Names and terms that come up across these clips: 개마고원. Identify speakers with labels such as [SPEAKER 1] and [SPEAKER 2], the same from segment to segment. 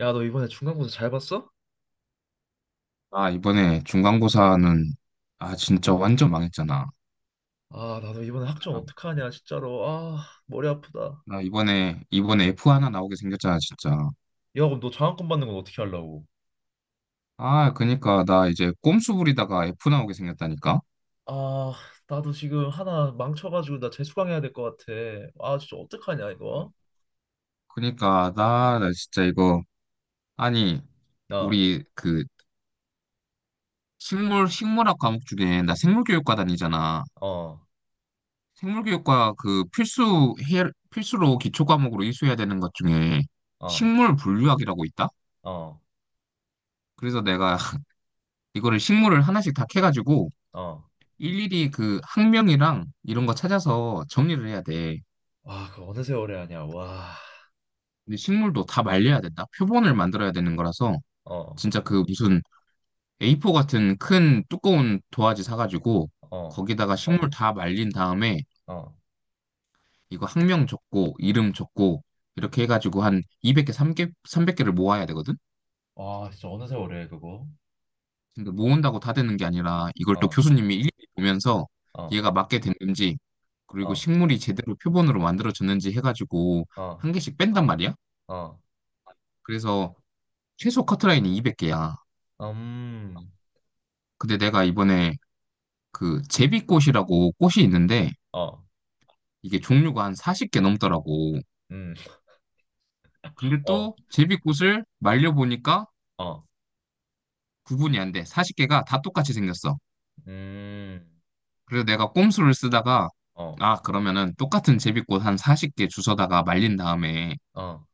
[SPEAKER 1] 야, 너 이번에 중간고사 잘 봤어?
[SPEAKER 2] 아, 이번에 중간고사는, 아, 진짜 완전 망했잖아.
[SPEAKER 1] 아, 나도 이번에 학점
[SPEAKER 2] 아,
[SPEAKER 1] 어떡하냐, 진짜로. 아, 머리 아프다.
[SPEAKER 2] 나 이번에 F 하나 나오게 생겼잖아, 진짜.
[SPEAKER 1] 야, 그럼 너 장학금 받는 건 어떻게 하려고?
[SPEAKER 2] 아, 그니까, 나 이제 꼼수 부리다가 F 나오게 생겼다니까?
[SPEAKER 1] 아, 나도 지금 하나 망쳐가지고 나 재수강해야 될 것 같아. 아, 진짜 어떡하냐, 이거?
[SPEAKER 2] 그니까, 나 진짜 이거, 아니,
[SPEAKER 1] 나,
[SPEAKER 2] 우리 그, 식물학 과목 중에, 나 생물교육과 다니잖아.
[SPEAKER 1] 어,
[SPEAKER 2] 생물교육과 그 필수로 기초 과목으로 이수해야 되는 것 중에,
[SPEAKER 1] 어,
[SPEAKER 2] 식물 분류학이라고 있다?
[SPEAKER 1] 어,
[SPEAKER 2] 그래서 내가 이거를 식물을 하나씩 다 캐가지고,
[SPEAKER 1] 어.
[SPEAKER 2] 일일이 그 학명이랑 이런 거 찾아서 정리를 해야 돼.
[SPEAKER 1] 아, 그거 어느 세월에 하냐, 와.
[SPEAKER 2] 근데 식물도 다 말려야 된다. 표본을 만들어야 되는 거라서
[SPEAKER 1] 어,
[SPEAKER 2] 진짜 그 무슨 A4 같은 큰 두꺼운 도화지 사가지고
[SPEAKER 1] 어,
[SPEAKER 2] 거기다가 식물 다 말린 다음에
[SPEAKER 1] 어.
[SPEAKER 2] 이거 학명 적고 이름 적고 이렇게 해가지고 한 200개, 300개를 모아야 되거든?
[SPEAKER 1] 와, 진짜 어느 세월에 해, 그거?
[SPEAKER 2] 근데 모은다고 다 되는 게 아니라 이걸 또
[SPEAKER 1] 어,
[SPEAKER 2] 교수님이 일일이 보면서
[SPEAKER 1] 어,
[SPEAKER 2] 얘가 맞게 됐는지 그리고
[SPEAKER 1] 어,
[SPEAKER 2] 식물이 제대로 표본으로 만들어졌는지 해가지고
[SPEAKER 1] 어,
[SPEAKER 2] 한 개씩 뺀단 말이야.
[SPEAKER 1] 어.
[SPEAKER 2] 그래서 최소 커트라인이 200개야.
[SPEAKER 1] 음,
[SPEAKER 2] 근데 내가 이번에 그 제비꽃이라고 꽃이 있는데
[SPEAKER 1] 어,
[SPEAKER 2] 이게 종류가 한 40개 넘더라고.
[SPEAKER 1] 음,
[SPEAKER 2] 근데
[SPEAKER 1] 어,
[SPEAKER 2] 또 제비꽃을 말려보니까
[SPEAKER 1] 어,
[SPEAKER 2] 구분이 안 돼. 40개가 다 똑같이 생겼어.
[SPEAKER 1] 음,
[SPEAKER 2] 그래서 내가 꼼수를 쓰다가,
[SPEAKER 1] 어.
[SPEAKER 2] 아, 그러면은 똑같은 제비꽃 한 40개 주워다가 말린 다음에
[SPEAKER 1] 어,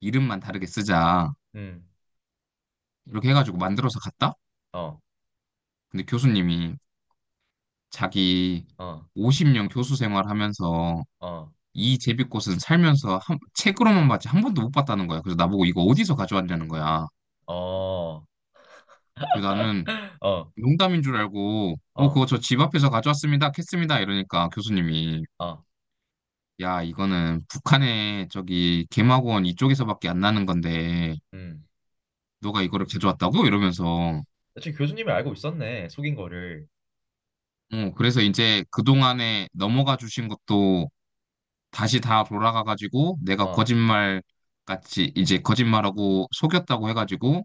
[SPEAKER 2] 이름만 다르게 쓰자.
[SPEAKER 1] 음,
[SPEAKER 2] 이렇게 해가지고 만들어서 갔다?
[SPEAKER 1] 어,
[SPEAKER 2] 근데 교수님이 자기
[SPEAKER 1] 어,
[SPEAKER 2] 50년 교수 생활하면서
[SPEAKER 1] 어,
[SPEAKER 2] 이 제비꽃은 살면서 책으로만 봤지 한 번도 못 봤다는 거야. 그래서 나보고 이거 어디서 가져왔냐는 거야.
[SPEAKER 1] 어,
[SPEAKER 2] 그래서 나는
[SPEAKER 1] 어,
[SPEAKER 2] 농담인 줄 알고, 어,
[SPEAKER 1] 어,
[SPEAKER 2] 그거 저 집 앞에서 가져왔습니다. 캤습니다. 이러니까 교수님이,
[SPEAKER 1] 어,
[SPEAKER 2] 야, 이거는 북한의 저기 개마고원 이쪽에서밖에 안 나는 건데
[SPEAKER 1] 음.
[SPEAKER 2] 너가 이거를 가져왔다고? 이러면서
[SPEAKER 1] 지금 교수님이 알고 있었네, 속인 거를.
[SPEAKER 2] 어, 그래서 이제 그동안에 넘어가 주신 것도 다시 다 돌아가 가지고 내가
[SPEAKER 1] 어,
[SPEAKER 2] 거짓말 같이 이제 거짓말하고 속였다고 해가지고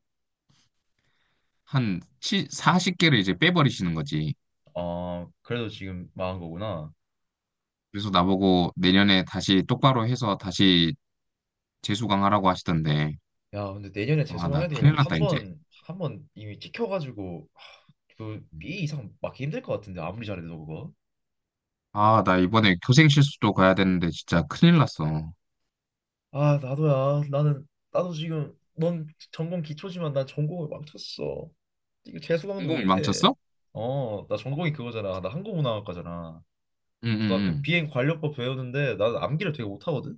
[SPEAKER 2] 한 40개를 이제 빼버리시는 거지.
[SPEAKER 1] 어, 그래도 지금 망한 거구나.
[SPEAKER 2] 그래서 나보고 내년에 다시 똑바로 해서 다시 재수강하라고 하시던데,
[SPEAKER 1] 야, 근데 내년에
[SPEAKER 2] 아, 나
[SPEAKER 1] 재수강해도
[SPEAKER 2] 큰일
[SPEAKER 1] 한
[SPEAKER 2] 났다, 이제.
[SPEAKER 1] 번, 한 번 이미 찍혀가지고 하, 그 B 이상 맞기 힘들 것 같은데 아무리 잘해도 그거.
[SPEAKER 2] 아, 나 이번에 교생 실습도 가야 되는데 진짜 큰일 났어.
[SPEAKER 1] 아, 나도야. 나는 나도 지금 넌 전공 기초지만 난 전공을 망쳤어. 이거 재수강도
[SPEAKER 2] 전공을
[SPEAKER 1] 못해.
[SPEAKER 2] 망쳤어?
[SPEAKER 1] 어, 나 전공이 그거잖아. 나 한국문화학과잖아.
[SPEAKER 2] 응,
[SPEAKER 1] 나 그
[SPEAKER 2] 응,
[SPEAKER 1] 비행 관료법 배우는데 나는 암기를 되게 못하거든.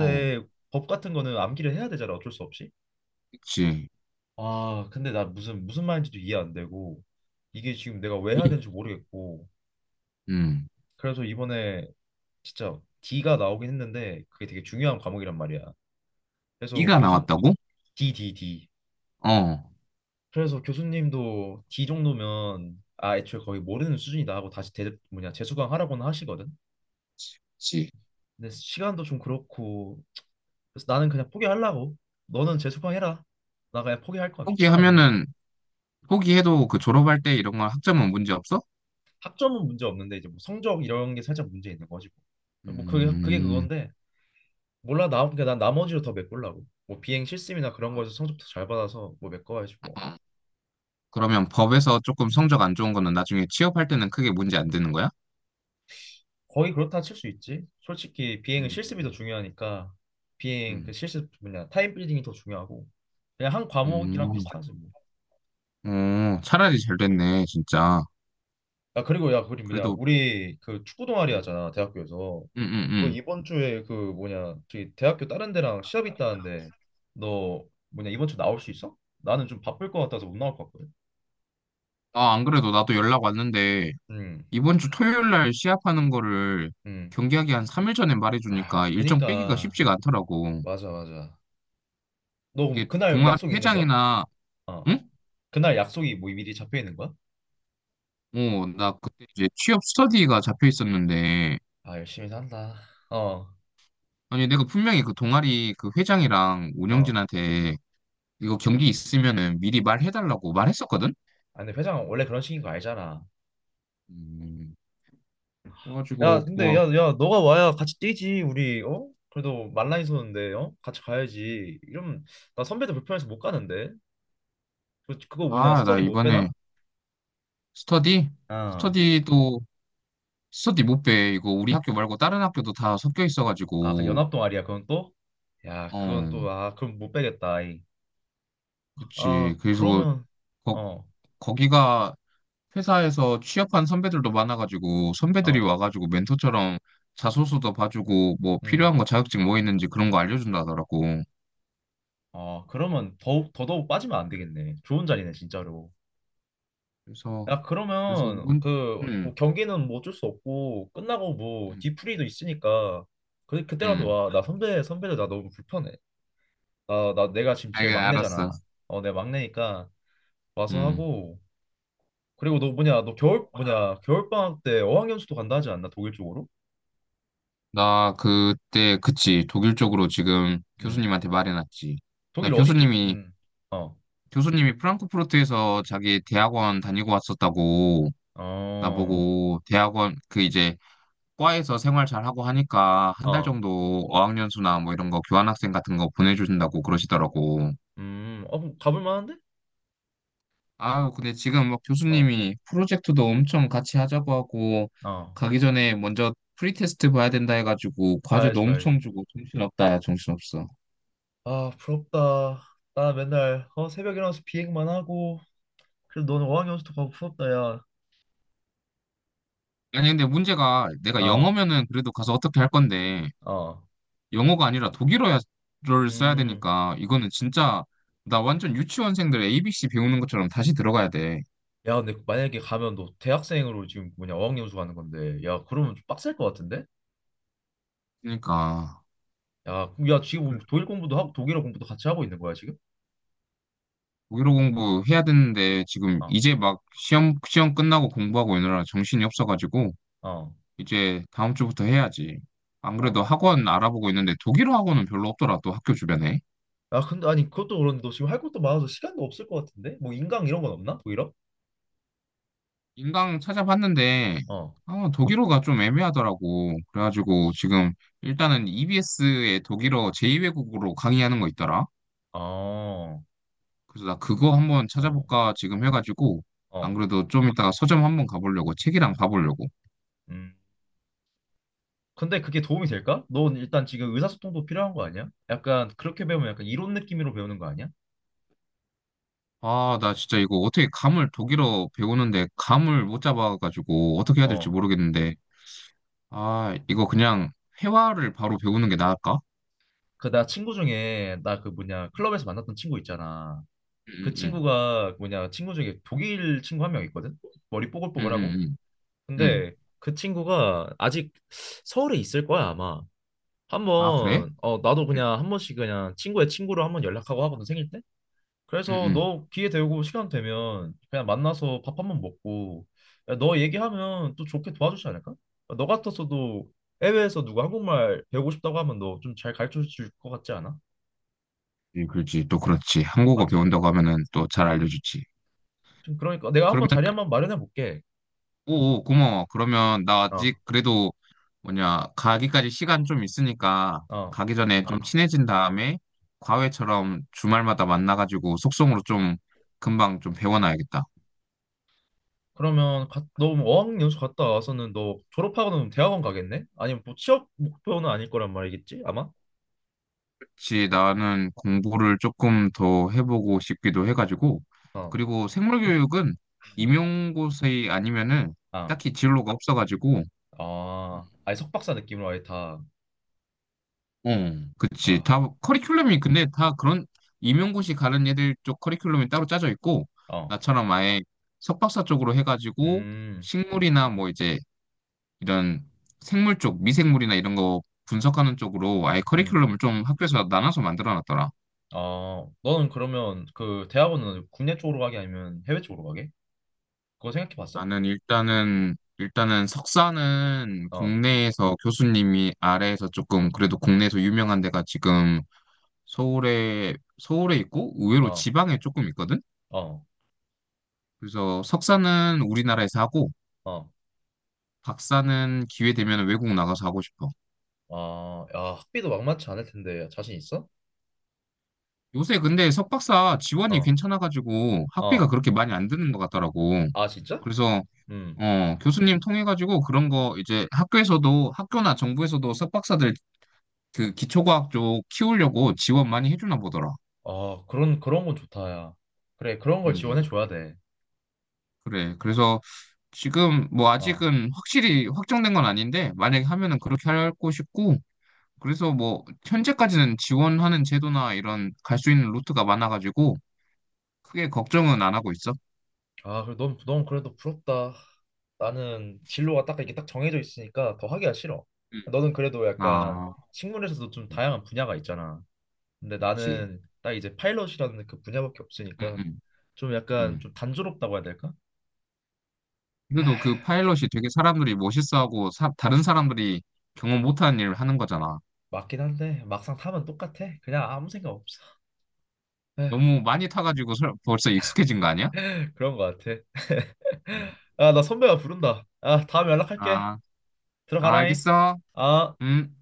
[SPEAKER 2] 응. 어,
[SPEAKER 1] 법 같은 거는 암기를 해야 되잖아, 어쩔 수 없이.
[SPEAKER 2] 그치.
[SPEAKER 1] 아, 근데 나 무슨 말인지도 이해 안 되고 이게 지금 내가 왜 해야
[SPEAKER 2] 이?
[SPEAKER 1] 되는지 모르겠고.
[SPEAKER 2] 응.
[SPEAKER 1] 그래서 이번에 진짜 D가 나오긴 했는데 그게 되게 중요한 과목이란 말이야. 그래서
[SPEAKER 2] 이가
[SPEAKER 1] 교수
[SPEAKER 2] 나왔다고?
[SPEAKER 1] D, D, D.
[SPEAKER 2] 어,
[SPEAKER 1] 그래서 교수님도 D 정도면 아 애초에 거의 모르는 수준이다 하고 다시 대 뭐냐 재수강 하라고는 하시거든.
[SPEAKER 2] 그치.
[SPEAKER 1] 근데 시간도 좀 그렇고 그래서 나는 그냥 포기하려고. 너는 재수강해라. 나 그냥 포기할 거야. 귀찮아 그냥.
[SPEAKER 2] 포기하면은, 포기해도 그 졸업할 때 이런 건 학점은 문제 없어?
[SPEAKER 1] 학점은 문제 없는데 이제 뭐 성적 이런 게 살짝 문제 있는 거지 뭐. 뭐 그게
[SPEAKER 2] 음.
[SPEAKER 1] 그건데 몰라 나 그러니까 난 나머지로 더 메꾸려고. 뭐 비행 실습이나 그런 거에서 성적 더 잘 받아서 뭐 메꿔야지 뭐.
[SPEAKER 2] 아, 그러면 법에서 조금 성적 안 좋은 거는 나중에 취업할 때는 크게 문제 안 되는 거야?
[SPEAKER 1] 거의 그렇다 칠 수 있지. 솔직히 비행은 실습이 더
[SPEAKER 2] 음,
[SPEAKER 1] 중요하니까 비행 그
[SPEAKER 2] 음,
[SPEAKER 1] 실습 뭐냐 타임 빌딩이 더 중요하고 그냥 한
[SPEAKER 2] 어,
[SPEAKER 1] 과목이랑 비슷하지 뭐.
[SPEAKER 2] 어, 차라리 잘 됐네, 진짜.
[SPEAKER 1] 아 그리고 야 그리 뭐냐
[SPEAKER 2] 그래도,
[SPEAKER 1] 우리 그 축구 동아리
[SPEAKER 2] 음,
[SPEAKER 1] 하잖아 대학교에서
[SPEAKER 2] 음, 음,
[SPEAKER 1] 너
[SPEAKER 2] 음.
[SPEAKER 1] 이번 주에 그 뭐냐 저기 대학교 다른 데랑 시합 있다는데 너 뭐냐 이번 주 나올 수 있어? 나는 좀 바쁠 것 같아서 못 나올 것 같거든.
[SPEAKER 2] 아, 안 그래도 나도 연락 왔는데,
[SPEAKER 1] 음,
[SPEAKER 2] 이번 주 토요일 날 시합하는 거를
[SPEAKER 1] 음.
[SPEAKER 2] 경기하기 한 3일 전에
[SPEAKER 1] 아,
[SPEAKER 2] 말해주니까 일정 빼기가
[SPEAKER 1] 그니까
[SPEAKER 2] 쉽지가 않더라고.
[SPEAKER 1] 맞아 맞아. 너 그럼
[SPEAKER 2] 이게
[SPEAKER 1] 그날
[SPEAKER 2] 동아리
[SPEAKER 1] 약속 있는 거야?
[SPEAKER 2] 회장이나,
[SPEAKER 1] 어,
[SPEAKER 2] 응?
[SPEAKER 1] 그날 약속이 뭐 미리 잡혀 있는 거야?
[SPEAKER 2] 어, 나 그때 이제 취업 스터디가 잡혀 있었는데,
[SPEAKER 1] 아, 열심히 산다. 어,
[SPEAKER 2] 아니, 내가 분명히 그 동아리 그 회장이랑
[SPEAKER 1] 어.
[SPEAKER 2] 운영진한테 이거 경기 있으면은 미리 말해달라고 말했었거든?
[SPEAKER 1] 아, 근데 회장 원래 그런 식인 거 알잖아.
[SPEAKER 2] 음,
[SPEAKER 1] 야,
[SPEAKER 2] 그래가지고
[SPEAKER 1] 근데 야,
[SPEAKER 2] 뭐,
[SPEAKER 1] 야, 너가 와야 같이 뛰지 우리. 어? 그래도 말라인 서는데 어? 같이 가야지. 이러면 나 선배들 불편해서 못 가는데. 그거 뭐냐
[SPEAKER 2] 아, 나
[SPEAKER 1] 스터디 못
[SPEAKER 2] 이번에
[SPEAKER 1] 빼나?
[SPEAKER 2] 스터디?
[SPEAKER 1] 어.
[SPEAKER 2] 스터디도 스터디 못 빼. 이거 우리 학교 말고 다른 학교도 다 섞여
[SPEAKER 1] 아, 그
[SPEAKER 2] 있어가지고.
[SPEAKER 1] 연합 동아리야. 그건 또? 야, 그건
[SPEAKER 2] 어,
[SPEAKER 1] 또 아, 그럼 못 빼겠다. 아이. 아,
[SPEAKER 2] 그치. 그래서
[SPEAKER 1] 그러면
[SPEAKER 2] 거,
[SPEAKER 1] 어,
[SPEAKER 2] 거기가 회사에서 취업한 선배들도 많아가지고 선배들이
[SPEAKER 1] 어.
[SPEAKER 2] 와가지고 멘토처럼 자소서도 봐주고 뭐
[SPEAKER 1] 음.
[SPEAKER 2] 필요한 거 자격증 뭐 있는지 그런 거 알려준다 하더라고.
[SPEAKER 1] 아, 그러면 더욱 더더욱 빠지면 안 되겠네. 좋은 자리네, 진짜로.
[SPEAKER 2] 그래서
[SPEAKER 1] 야,
[SPEAKER 2] 그래서
[SPEAKER 1] 그러면
[SPEAKER 2] 이번,
[SPEAKER 1] 그 뭐
[SPEAKER 2] 음,
[SPEAKER 1] 경기는 뭐 어쩔 수 없고 끝나고 뭐
[SPEAKER 2] 음,
[SPEAKER 1] 디프리도 있으니까 그 그때라도
[SPEAKER 2] 음.
[SPEAKER 1] 와. 나 선배들 나 너무 불편해. 나 내가 지금 제일
[SPEAKER 2] 아, 알았어.
[SPEAKER 1] 막내잖아. 어, 내가 막내니까 와서
[SPEAKER 2] 음.
[SPEAKER 1] 하고 그리고 너 뭐냐 너 겨울 뭐냐 겨울방학 때 어학연수도 간다 하지 않나 독일 쪽으로?
[SPEAKER 2] 나 그때, 그치, 독일 쪽으로 지금
[SPEAKER 1] 음
[SPEAKER 2] 교수님한테 말해놨지. 나
[SPEAKER 1] 독일 어디 쪽? 음. 어.
[SPEAKER 2] 교수님이 프랑크푸르트에서 자기 대학원 다니고 왔었다고
[SPEAKER 1] 어.
[SPEAKER 2] 나보고 대학원 그 이제 과에서 생활 잘하고 하니까 한 달
[SPEAKER 1] 어.
[SPEAKER 2] 정도 어학연수나 뭐 이런 거 교환학생 같은 거 보내주신다고 그러시더라고.
[SPEAKER 1] 음. 어 그럼 가볼 만한데?
[SPEAKER 2] 아유, 근데 지금 막
[SPEAKER 1] 어.
[SPEAKER 2] 교수님이 프로젝트도 엄청 같이 하자고 하고
[SPEAKER 1] 어.
[SPEAKER 2] 가기 전에 먼저 프리테스트 봐야 된다 해가지고 과제도
[SPEAKER 1] 봐야지 봐야지.
[SPEAKER 2] 엄청 주고 정신없다, 야, 정신없어.
[SPEAKER 1] 아 부럽다. 나 맨날 어 새벽 일어나서 비행만 하고 그래도 너는 어학연수도 가고 부럽다 야.
[SPEAKER 2] 아니, 근데 문제가 내가
[SPEAKER 1] 어.
[SPEAKER 2] 영어면은 그래도 가서 어떻게 할 건데,
[SPEAKER 1] 어.
[SPEAKER 2] 영어가 아니라 독일어를 써야
[SPEAKER 1] 음.
[SPEAKER 2] 되니까, 이거는 진짜, 나 완전 유치원생들 ABC 배우는 것처럼 다시 들어가야 돼.
[SPEAKER 1] 야 근데 만약에 가면 너 대학생으로 지금 뭐냐 어학연수 가는 건데 야 그러면 좀 빡셀 것 같은데?
[SPEAKER 2] 그러니까,
[SPEAKER 1] 야, 그럼 야
[SPEAKER 2] 그
[SPEAKER 1] 지금 독일 공부도 하고 독일어 공부도 같이 하고 있는 거야 지금?
[SPEAKER 2] 독일어 공부해야 되는데, 지금
[SPEAKER 1] 어.
[SPEAKER 2] 이제 막 시험 끝나고 공부하고 이느라 정신이 없어가지고,
[SPEAKER 1] 어,
[SPEAKER 2] 이제 다음 주부터 해야지. 안 그래도
[SPEAKER 1] 어.
[SPEAKER 2] 학원 알아보고 있는데, 독일어 학원은 별로 없더라, 또 학교 주변에.
[SPEAKER 1] 아, 근데, 아니, 그것도 그런데 너 지금 할 것도 많아서 시간도 없을 것 같은데? 뭐, 인강 이런 건 없나? 오히려?
[SPEAKER 2] 인강 찾아봤는데,
[SPEAKER 1] 어.
[SPEAKER 2] 아, 독일어가 좀 애매하더라고. 그래가지고 지금 일단은 EBS의 독일어 제2외국어로 강의하는 거 있더라.
[SPEAKER 1] 어,
[SPEAKER 2] 그래서 나 그거 한번
[SPEAKER 1] 어,
[SPEAKER 2] 찾아볼까 지금 해가지고 안
[SPEAKER 1] 어.
[SPEAKER 2] 그래도 좀 이따가 서점 한번 가보려고 책이랑 봐보려고.
[SPEAKER 1] 음. 근데 그게 도움이 될까? 넌 일단 지금 의사소통도 필요한 거 아니야? 약간 그렇게 배우면 약간 이론 느낌으로 배우는 거 아니야?
[SPEAKER 2] 아, 나 진짜 이거 어떻게 감을 독일어 배우는데 감을 못 잡아가지고 어떻게 해야 될지
[SPEAKER 1] 어.
[SPEAKER 2] 모르겠는데, 아, 이거 그냥 회화를 바로 배우는 게 나을까?
[SPEAKER 1] 그 나 친구 중에 나 그 뭐냐 클럽에서 만났던 친구 있잖아.
[SPEAKER 2] 응,
[SPEAKER 1] 그
[SPEAKER 2] 응,
[SPEAKER 1] 친구가 뭐냐 친구 중에 독일 친구 한 명 있거든. 머리
[SPEAKER 2] 응, 응,
[SPEAKER 1] 뽀글뽀글하고.
[SPEAKER 2] 응, 응. 응.
[SPEAKER 1] 근데 그 친구가 아직 서울에 있을 거야 아마.
[SPEAKER 2] 아, 그래?
[SPEAKER 1] 한번 어 나도 그냥
[SPEAKER 2] 응,
[SPEAKER 1] 한 번씩 그냥 친구의 친구로 한 번 연락하고 하거든 생일 때.
[SPEAKER 2] 응,
[SPEAKER 1] 그래서
[SPEAKER 2] 응.
[SPEAKER 1] 너 기회 되고 시간 되면 그냥 만나서 밥 한 번 먹고 야, 너 얘기하면 또 좋게 도와주지 않을까? 너 같아서도 해외에서 누가 한국말 배우고 싶다고 하면 너 좀 잘 가르쳐 줄 것 같지 않아?
[SPEAKER 2] 예, 그렇지. 또 그렇지. 한국어
[SPEAKER 1] 맞지?
[SPEAKER 2] 배운다고 하면은 또 잘
[SPEAKER 1] 음.
[SPEAKER 2] 알려주지.
[SPEAKER 1] 좀 그러니까 내가 한 번
[SPEAKER 2] 그러면,
[SPEAKER 1] 자리 한 번 마련해 볼게.
[SPEAKER 2] 오, 고마워. 그러면 나
[SPEAKER 1] 어.
[SPEAKER 2] 아직 그래도 뭐냐, 가기까지 시간 좀 있으니까
[SPEAKER 1] 어.
[SPEAKER 2] 가기 전에 좀 친해진 다음에 과외처럼 주말마다 만나가지고 속성으로 좀 금방 좀 배워놔야겠다.
[SPEAKER 1] 그러면 가, 너 어학연수 갔다 와서는 너 졸업하고는 대학원 가겠네? 아니면 뭐 취업 목표는 아닐 거란 말이겠지? 아마?
[SPEAKER 2] 그렇지. 나는 공부를 조금 더 해보고 싶기도 해가지고.
[SPEAKER 1] 어.
[SPEAKER 2] 그리고 생물교육은
[SPEAKER 1] 음.
[SPEAKER 2] 임용고사 아니면은
[SPEAKER 1] 아.
[SPEAKER 2] 딱히 진로가 없어가지고
[SPEAKER 1] 아, 아예 석박사 느낌으로 아예 다,
[SPEAKER 2] 어, 그치. 다
[SPEAKER 1] 아,
[SPEAKER 2] 커리큘럼이 근데 다 그런 임용고시 가는 애들 쪽 커리큘럼이 따로 짜져 있고
[SPEAKER 1] 어,
[SPEAKER 2] 나처럼 아예 석박사 쪽으로 해가지고
[SPEAKER 1] 음,
[SPEAKER 2] 식물이나 뭐 이제 이런 생물 쪽 미생물이나 이런 거 분석하는 쪽으로 아예
[SPEAKER 1] 음,
[SPEAKER 2] 커리큘럼을 좀 학교에서 나눠서 만들어 놨더라.
[SPEAKER 1] 아, 너는 그러면 그 대학원은 국내 쪽으로 가게 아니면 해외 쪽으로 가게? 그거 생각해 봤어?
[SPEAKER 2] 나는
[SPEAKER 1] 응.
[SPEAKER 2] 일단은 석사는
[SPEAKER 1] 어,
[SPEAKER 2] 국내에서 교수님이 아래에서 조금 그래도 국내에서 유명한 데가 지금 서울에 서울에 있고 의외로
[SPEAKER 1] 어,
[SPEAKER 2] 지방에 조금 있거든.
[SPEAKER 1] 어,
[SPEAKER 2] 그래서 석사는 우리나라에서 하고
[SPEAKER 1] 어,
[SPEAKER 2] 박사는 기회 되면 외국 나가서 하고 싶어.
[SPEAKER 1] 아, 야, 학비도 막만치 않을 텐데 자신 있어?
[SPEAKER 2] 요새 근데 석박사 지원이
[SPEAKER 1] 어,
[SPEAKER 2] 괜찮아가지고 학비가
[SPEAKER 1] 어,
[SPEAKER 2] 그렇게 많이 안 드는 것 같더라고.
[SPEAKER 1] 아, 진짜?
[SPEAKER 2] 그래서
[SPEAKER 1] 음,
[SPEAKER 2] 어, 교수님 통해가지고 그런 거 이제 학교에서도 학교나 정부에서도 석박사들 그 기초과학 쪽 키우려고 지원 많이 해주나 보더라.
[SPEAKER 1] 아, 그런 건 좋다, 야. 그래, 그런 걸 지원해
[SPEAKER 2] 음,
[SPEAKER 1] 줘야 돼.
[SPEAKER 2] 그래. 그래서 지금 뭐
[SPEAKER 1] 어.
[SPEAKER 2] 아직은 확실히 확정된 건 아닌데 만약에 하면은 그렇게 하고 싶고 그래서 뭐 현재까지는 지원하는 제도나 이런 갈 수 있는 루트가 많아가지고 크게 걱정은 안 하고 있어.
[SPEAKER 1] 아, 그래, 넌 그래도 부럽다. 나는 진로가 딱 이렇게 딱 정해져 있으니까 더 하기가 싫어.
[SPEAKER 2] 음.
[SPEAKER 1] 너는 그래도 약간
[SPEAKER 2] 아,
[SPEAKER 1] 식물에서도 좀
[SPEAKER 2] 음,
[SPEAKER 1] 다양한 분야가 있잖아. 근데
[SPEAKER 2] 그렇지.
[SPEAKER 1] 나는 딱 이제 파일럿이라는 그 분야밖에
[SPEAKER 2] 음,
[SPEAKER 1] 없으니까
[SPEAKER 2] 음,
[SPEAKER 1] 좀 약간
[SPEAKER 2] 음.
[SPEAKER 1] 좀 단조롭다고 해야 될까? 아,
[SPEAKER 2] 그래도 그 파일럿이 되게 사람들이 멋있어하고 다른 사람들이 경험 못하는 일을 하는 거잖아.
[SPEAKER 1] 맞긴 한데 막상 타면 똑같아. 그냥 아무 생각 없어. 에휴,
[SPEAKER 2] 너무 많이 타가지고 벌써 익숙해진 거 아니야?
[SPEAKER 1] 그런 거 같아.
[SPEAKER 2] 음.
[SPEAKER 1] 아, 나 선배가 부른다. 아, 다음에 연락할게.
[SPEAKER 2] 아, 아,
[SPEAKER 1] 들어가라잉.
[SPEAKER 2] 알겠어.
[SPEAKER 1] 아.
[SPEAKER 2] 음.